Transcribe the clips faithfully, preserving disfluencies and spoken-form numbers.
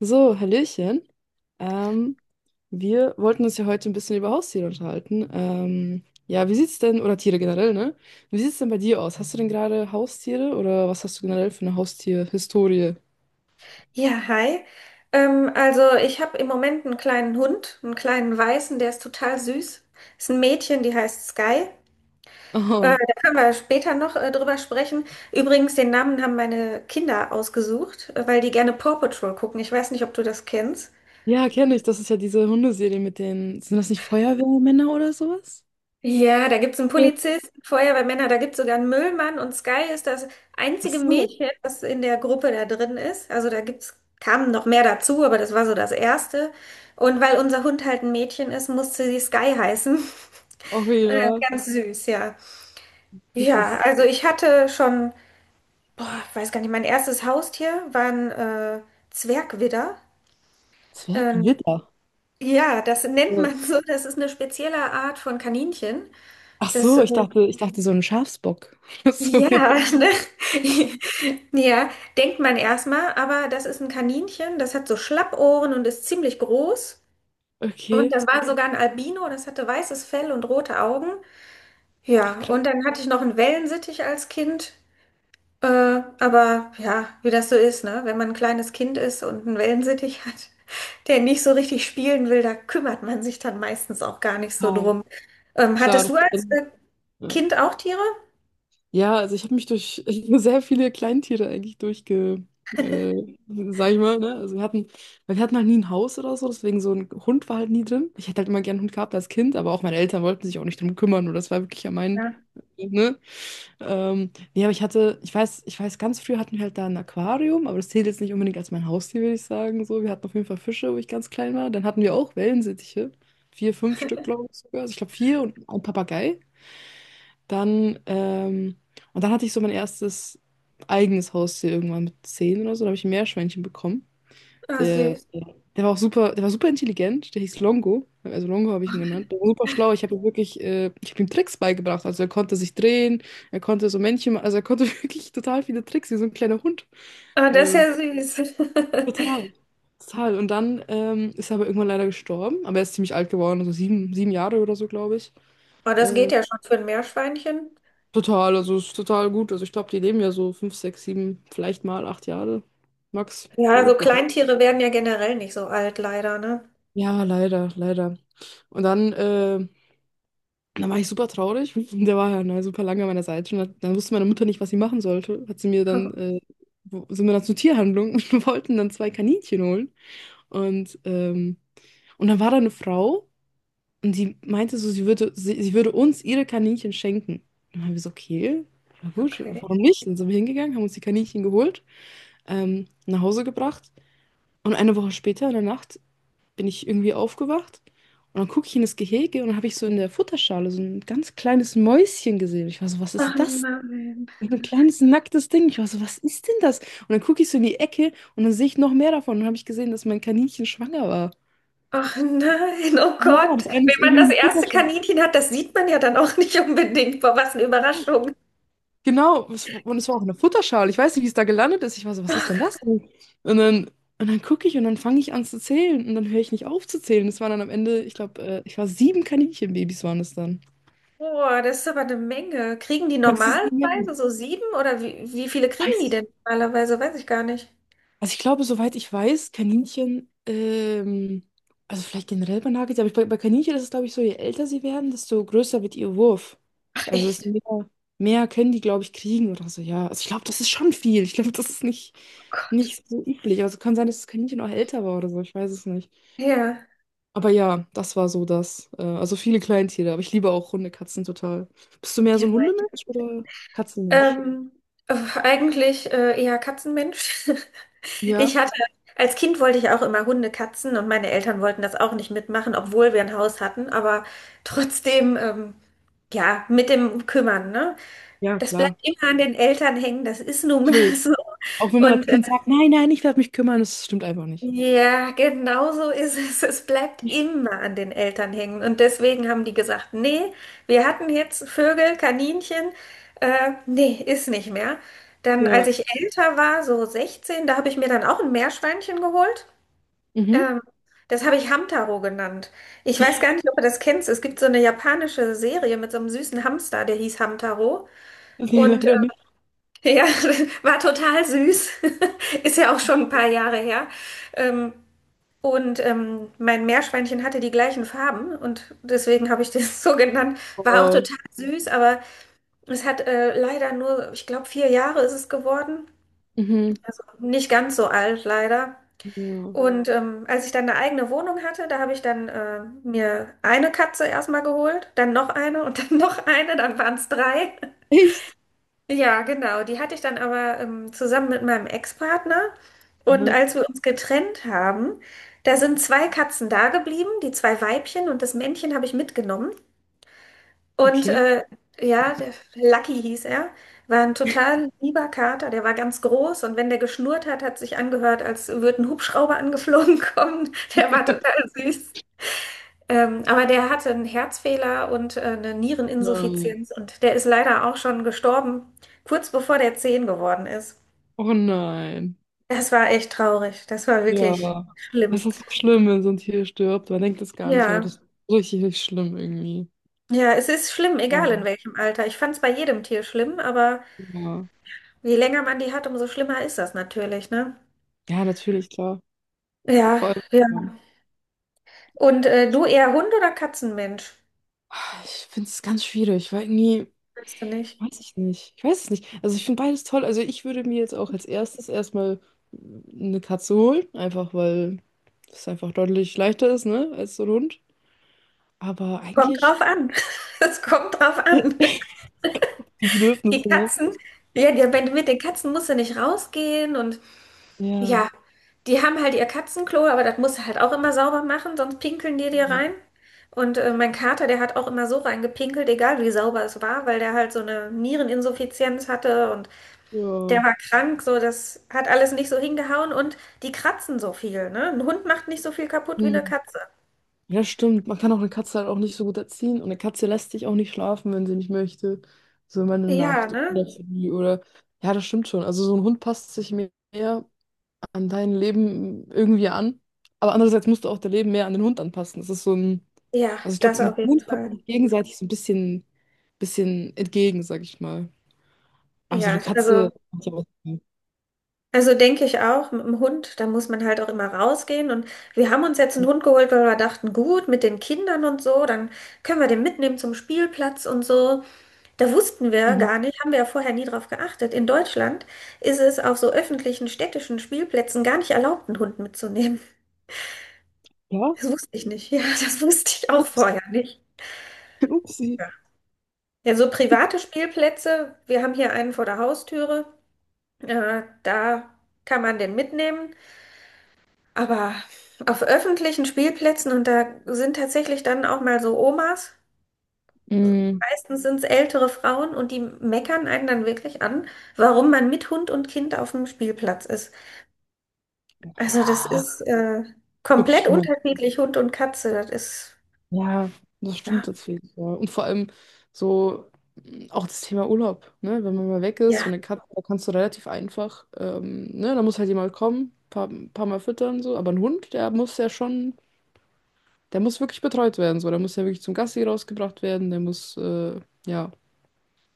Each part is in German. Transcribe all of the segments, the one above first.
So, Hallöchen. Ähm, Wir wollten uns ja heute ein bisschen über Haustiere unterhalten. Ähm, ja, wie sieht's denn, oder Tiere generell, ne? Wie sieht's denn bei dir aus? Hast du denn gerade Haustiere oder was hast du generell für eine Haustierhistorie? Ja, hi. Ähm, also ich habe im Moment einen kleinen Hund, einen kleinen Weißen, der ist total süß. Ist ein Mädchen, die heißt Sky. Äh, Oh, Da können wir später noch äh, drüber sprechen. Übrigens, den Namen haben meine Kinder ausgesucht, äh, weil die gerne Paw Patrol gucken. Ich weiß nicht, ob du das kennst. ja, kenne ich. Das ist ja diese Hundeserie mit den, sind das nicht Feuerwehrmänner oder sowas? Ja, da gibt's einen Ja. Polizisten, Feuerwehrmänner, da gibt's sogar einen Müllmann, und Sky ist das Ach einzige so. Mädchen, das in der Gruppe da drin ist. Also da gibt's, kamen noch mehr dazu, aber das war so das Erste. Und weil unser Hund halt ein Mädchen ist, musste sie Sky heißen. Oh Äh, ja, Ganz süß, ja. Ja, richtig. also ich hatte schon, boah, ich weiß gar nicht, mein erstes Haustier war ein äh, Zwergwidder. Ähm, Zwergwitter. ja, das nennt So. man so, das ist eine spezielle Art von Kaninchen. Ach Das so, äh, ich dachte, ich dachte so ein Schafsbock. Ach so, ja. Ja, ne? Ja, denkt man erstmal, aber das ist ein Kaninchen, das hat so Schlappohren und ist ziemlich groß. Und Okay. das war sogar ein Albino, das hatte weißes Fell und rote Augen. Ach Ja, krass. und dann hatte ich noch einen Wellensittich als Kind. Äh, aber ja, wie das so ist, ne? Wenn man ein kleines Kind ist und einen Wellensittich hat, der nicht so richtig spielen will, da kümmert man sich dann meistens auch gar nicht Ja, so drum. Ähm, klar. Hattest du Das, als äh, ja. Kind auch Tiere? Ja, also ich habe mich durch sehr viele Kleintiere eigentlich durchge, äh, sag ich mal, ne? Also wir hatten, weil wir hatten halt nie ein Haus oder so, deswegen so ein Hund war halt nie drin. Ich hätte halt immer gern einen Hund gehabt als Kind, aber auch meine Eltern wollten sich auch nicht drum kümmern und das war wirklich ja mein, Ja. ne? Ähm, nee, aber ich hatte, ich weiß, ich weiß, ganz früh hatten wir halt da ein Aquarium, aber das zählt jetzt nicht unbedingt als mein Haustier, würde ich sagen. So, wir hatten auf jeden Fall Fische, wo ich ganz klein war. Dann hatten wir auch Wellensittiche. Vier, fünf Stück, glaube ich sogar. Also ich glaube vier und ein Papagei. Dann, ähm, und dann hatte ich so mein erstes eigenes Haustier irgendwann mit zehn oder so. Da habe ich ein Meerschweinchen bekommen. Ah, Der, süß. der war auch super, der war super intelligent. Der hieß Longo. Also Longo habe ich ihn genannt. Der war super schlau. Ich habe ihm wirklich, äh, ich habe ihm Tricks beigebracht. Also er konnte sich drehen, er konnte so Männchen, ma- also er konnte wirklich total viele Tricks, wie so ein kleiner Hund. Ah, das ist Ähm, ja süß. Total. Total. Und dann ähm, ist er aber irgendwann leider gestorben. Aber er ist ziemlich alt geworden, also sieben, sieben Jahre oder so, glaube ich. Aber das geht Ähm, ja schon für ein Meerschweinchen. Total, also ist total gut. Also ich glaube, die leben ja so fünf, sechs, sieben, vielleicht mal acht Jahre. Max, Ja, so so glaube ich. Kleintiere werden ja generell nicht so alt, leider, ne? Ja, leider, leider. Und dann, äh, dann war ich super traurig. Der war ja ne, super lange an meiner Seite. Und hat, dann wusste meine Mutter nicht, was sie machen sollte. Hat sie mir Oh, dann, äh, wo- sind wir dann zur Tierhandlung und wir wollten dann zwei Kaninchen holen. Und, ähm, und dann war da eine Frau und die meinte so, sie würde, sie, sie würde uns ihre Kaninchen schenken. Und dann haben wir so, okay, na gut, okay. warum nicht? Dann sind wir hingegangen, haben uns die Kaninchen geholt. Ähm, nach Hause gebracht. Und eine Woche später in der Nacht bin ich irgendwie aufgewacht und dann gucke ich in das Gehege und dann habe ich so in der Futterschale so ein ganz kleines Mäuschen gesehen. Ich war so, was Ach ist das? nein. Und ein kleines nacktes Ding. Ich war so, was ist denn das? Und dann gucke ich so in die Ecke und dann sehe ich noch mehr davon. Und dann habe ich gesehen, dass mein Kaninchen schwanger war. Ach nein, oh Ja, Gott. das eine Wenn ist man irgendwie in das die erste Futterschale. Kaninchen hat, das sieht man ja dann auch nicht unbedingt. Boah, was eine Überraschung. Genau, es- und es war auch eine Futterschale. Ich weiß nicht, wie es da gelandet ist. Ich war so, was ist denn das denn? Und dann, und dann gucke ich und dann fange ich an zu zählen und dann höre ich nicht auf zu zählen. Es waren dann am Ende, ich glaube, äh, ich war sieben Kaninchenbabys waren es dann. Boah, das ist aber eine Menge. Kriegen die Das ist eine Menge. normalerweise so sieben, oder wie, wie viele kriegen Weiß die ich denn normalerweise? Weiß ich gar nicht. Also ich glaube, soweit ich weiß, Kaninchen, ähm, also vielleicht generell bei Nagetieren, aber ich, bei, bei Kaninchen ist es, glaube ich, so, je älter sie werden, desto größer wird ihr Wurf. Ach Also es ist echt? mehr, mehr können die, glaube ich, kriegen oder so, ja. Also ich glaube, das ist schon viel. Ich glaube, das ist nicht, Oh Gott. nicht so üblich. Also kann sein, dass das Kaninchen auch älter war oder so, ich weiß es nicht. Ja. Aber ja, das war so das. Äh, also viele Kleintiere, aber ich liebe auch Hunde, Katzen total. Bist du mehr Ja, so ein Hundemensch oder Katzenmensch? Ähm, äh, eigentlich äh, eher Katzenmensch. Ich Ja. hatte, als Kind wollte ich auch immer Hunde, Katzen, und meine Eltern wollten das auch nicht mitmachen, obwohl wir ein Haus hatten, aber trotzdem, ähm, ja, mit dem Kümmern, ne? Ja, Das bleibt klar. immer an den Eltern hängen, das ist nun mal Natürlich. so. Auch wenn man als Und Kind sagt, nein, nein, ich werde mich kümmern, das stimmt einfach nicht. ja, genau so ist es. Es bleibt immer an den Eltern hängen. Und deswegen haben die gesagt, nee, wir hatten jetzt Vögel, Kaninchen, äh, nee, ist nicht mehr. Dann, als Ja, ich älter war, so sechzehn, da habe ich mir dann auch ein Meerschweinchen geholt. Mhm. Ähm, das habe ich Hamtaro genannt. Ich weiß gar nicht, ob du das kennst. Es gibt so eine japanische Serie mit so einem süßen Hamster, der hieß Hamtaro. Nee, Und äh, leider nicht. ja, war total süß. Ist ja auch schon ein paar Jahre her. Ähm, und ähm, mein Meerschweinchen hatte die gleichen Farben und deswegen habe ich das so genannt. War auch Oh, total süß, aber es hat äh, leider nur, ich glaube, vier Jahre ist es geworden. Mhm, Also nicht ganz so alt, leider. ja. Und ähm, als ich dann eine eigene Wohnung hatte, da habe ich dann äh, mir eine Katze erstmal geholt, dann noch eine, und dann noch eine, dann waren es drei. Echt? Ja, genau. Die hatte ich dann aber ähm, zusammen mit meinem Ex-Partner. Und Mhm. als wir uns getrennt haben, da sind zwei Katzen da geblieben, die zwei Weibchen, und das Männchen habe ich mitgenommen. Und Okay. äh, ja, der Lucky hieß er, war ein total lieber Kater, der war ganz groß, und wenn der geschnurrt hat, hat sich angehört, als würde ein Hubschrauber angeflogen kommen. Der war total süß. Ähm, aber der hatte einen Herzfehler und äh, eine Nein. Niereninsuffizienz, und der ist leider auch schon gestorben, kurz bevor der zehn geworden ist. Oh nein. Das war echt traurig. Das war wirklich Ja. schlimm. Das ist so schlimm, wenn so ein Tier stirbt. Man denkt das gar nicht, aber Ja, das ist richtig, richtig schlimm irgendwie. ja, es ist schlimm, egal in Ja. welchem Alter. Ich fand es bei jedem Tier schlimm, aber Ja. je länger man die hat, umso schlimmer ist das natürlich, ne? Ja, natürlich, klar. Ja, Vor allem, ja. ja. Und äh, du eher Hund oder Katzenmensch? Ich finde es ganz schwierig, weil irgendwie. Weißt du nicht. Weiß ich nicht. Ich weiß es nicht. Also ich finde beides toll. Also ich würde mir jetzt auch als erstes erstmal eine Katze holen, einfach weil es einfach deutlich leichter ist, ne, als so ein Hund. Aber Kommt eigentlich drauf an. Es kommt drauf an. die Die Bedürfnisse, ne? Katzen, ja, die, wenn mit den Katzen musst du nicht rausgehen, und ja, Ja. die haben halt ihr Katzenklo, aber das musst du halt auch immer sauber machen, sonst pinkeln die dir Ja. rein. Und äh, mein Kater, der hat auch immer so reingepinkelt, egal wie sauber es war, weil der halt so eine Niereninsuffizienz hatte, und Ja, der war krank, so das hat alles nicht so hingehauen, und die kratzen so viel, ne? Ein Hund macht nicht so viel kaputt wie eine hm. Katze. Ja, stimmt. Man kann auch eine Katze halt auch nicht so gut erziehen. Und eine Katze lässt sich auch nicht schlafen, wenn sie nicht möchte. So immer eine Ja, Nacht ne? oder für die oder. Ja, das stimmt schon. Also so ein Hund passt sich mehr an dein Leben irgendwie an. Aber andererseits musst du auch dein Leben mehr an den Hund anpassen. Das ist so ein, Ja, also ich glaube, das mit auf jeden Hund kommt Fall. man sich gegenseitig so ein bisschen, bisschen entgegen, sag ich mal. Aber so Ja, eine also. Katze macht ja auch Sinn. Also denke ich auch, mit dem Hund, da muss man halt auch immer rausgehen. Und wir haben uns jetzt einen Hund geholt, weil wir dachten, gut, mit den Kindern und so, dann können wir den mitnehmen zum Spielplatz und so. Da wussten wir Mhm. gar nicht, haben wir ja vorher nie drauf geachtet. In Deutschland ist es auf so öffentlichen städtischen Spielplätzen gar nicht erlaubt, einen Hund mitzunehmen. Ja, Das wusste ich nicht. Ja, das wusste ich auch ups, vorher nicht. upsi. Ja, ja, so private Spielplätze, wir haben hier einen vor der Haustüre, äh, da kann man den mitnehmen. Aber auf öffentlichen Spielplätzen, und da sind tatsächlich dann auch mal so Omas, Mm, meistens sind es ältere Frauen, und die meckern einen dann wirklich an, warum man mit Hund und Kind auf dem Spielplatz ist. Also das ja, ist äh, wirklich komplett schlimm. unterschiedlich, Hund und Katze. Das ist, Ja, das stimmt ja, tatsächlich. Ja. Und vor allem so mh, auch das Thema Urlaub, ne? Wenn man mal weg ist, so ja, eine Katze, da kannst du relativ einfach, ähm, ne? Da muss halt jemand kommen, paar, paar Mal füttern, so. Aber ein Hund, der muss ja schon, der muss wirklich betreut werden, so. Der muss ja wirklich zum Gassi rausgebracht werden, der muss, äh, ja.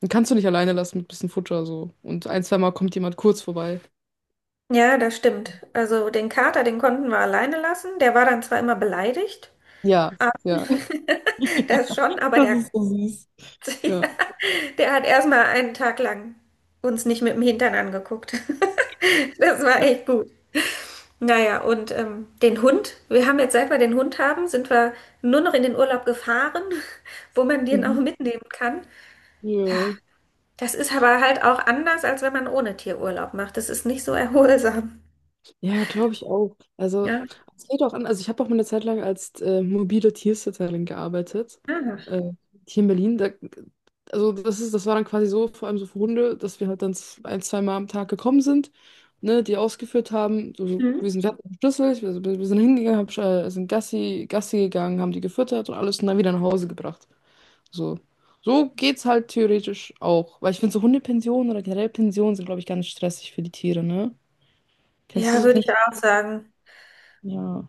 Den kannst du nicht alleine lassen mit bisschen Futter, so. Und ein, zwei Mal kommt jemand kurz vorbei. ja, das stimmt. Also den Kater, den konnten wir alleine lassen. Der war dann zwar immer beleidigt, Ja, ja. das schon, aber Das der ist, ja. der hat erstmal einen Tag lang uns nicht mit dem Hintern angeguckt. Das war echt gut. Naja, und ähm, den Hund, wir haben jetzt, seit wir den Hund haben, sind wir nur noch in den Urlaub gefahren, wo man den auch Mhm. mitnehmen kann. Ja, Ja. das ist aber halt auch anders, als wenn man ohne Tier Urlaub macht. Das ist nicht so erholsam. Ja, glaube ich auch. Also, Ja, es geht auch an. Also, ich habe auch mal eine Zeit lang als äh, mobile Tiersitterin gearbeitet. ah. Äh, Hier in Berlin. Da, also, das ist, das war dann quasi so, vor allem so für Hunde, dass wir halt dann z- ein, zwei Mal am Tag gekommen sind, ne, die ausgeführt haben. So, so Mhm. gewesen, wir hatten einen Schlüssel, wir, wir wir sind hingegangen, hab, äh, sind Gassi, Gassi gegangen, haben die gefüttert und alles und dann wieder nach Hause gebracht. So. So geht's halt theoretisch auch. Weil ich finde, so Hundepensionen oder generell Pensionen sind, glaube ich, ganz stressig für die Tiere, ne? Kennst Ja, du, würde ich kennst auch sagen. du? Ja.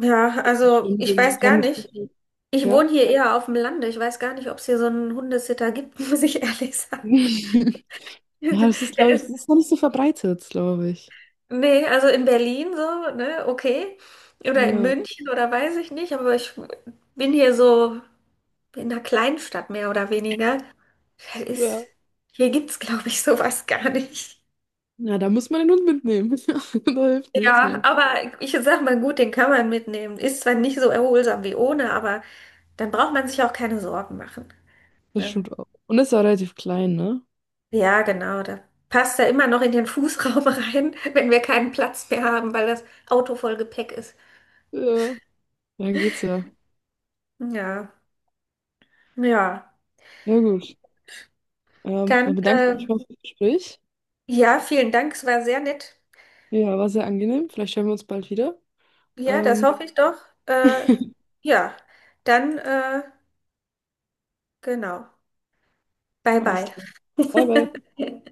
Ja, Das also stimmt, so ich ein weiß gar fremdes nicht. Gefühl. Ich Ja. wohne hier eher auf dem Lande. Ich weiß gar nicht, ob es hier so einen Hundesitter gibt, muss ich ehrlich sagen. Ja, das ist, Der glaube ich, das ist, ist noch nicht so verbreitet, glaube ich. nee, also in Berlin so, ne, okay. Oder in Ja. München oder weiß ich nicht, aber ich bin hier so in einer Kleinstadt mehr oder weniger. Da ist, Ja. hier gibt's, glaube ich, sowas gar nicht. Ja, da muss man den Hund mitnehmen. Da hilft nichts Ja, mehr. aber ich sag mal gut, den kann man mitnehmen. Ist zwar nicht so erholsam wie ohne, aber dann braucht man sich auch keine Sorgen machen. Das Ne? stimmt auch. Und ist ja auch relativ klein, ne? Ja, genau. Da passt er immer noch in den Fußraum rein, wenn wir keinen Platz mehr haben, weil das Auto voll Gepäck ist. Ja. Dann geht's ja. Ja, ja. Ja, gut. Ähm, Dann, Dann bedanke ich äh, mich mal fürs Gespräch. ja, vielen Dank. Es war sehr nett. Ja, war sehr angenehm. Vielleicht hören wir uns bald wieder. Ja, das Ähm, hoffe ich doch. Äh, ja, dann, äh, genau. Bye, Alles bye. klar. Bye, bye.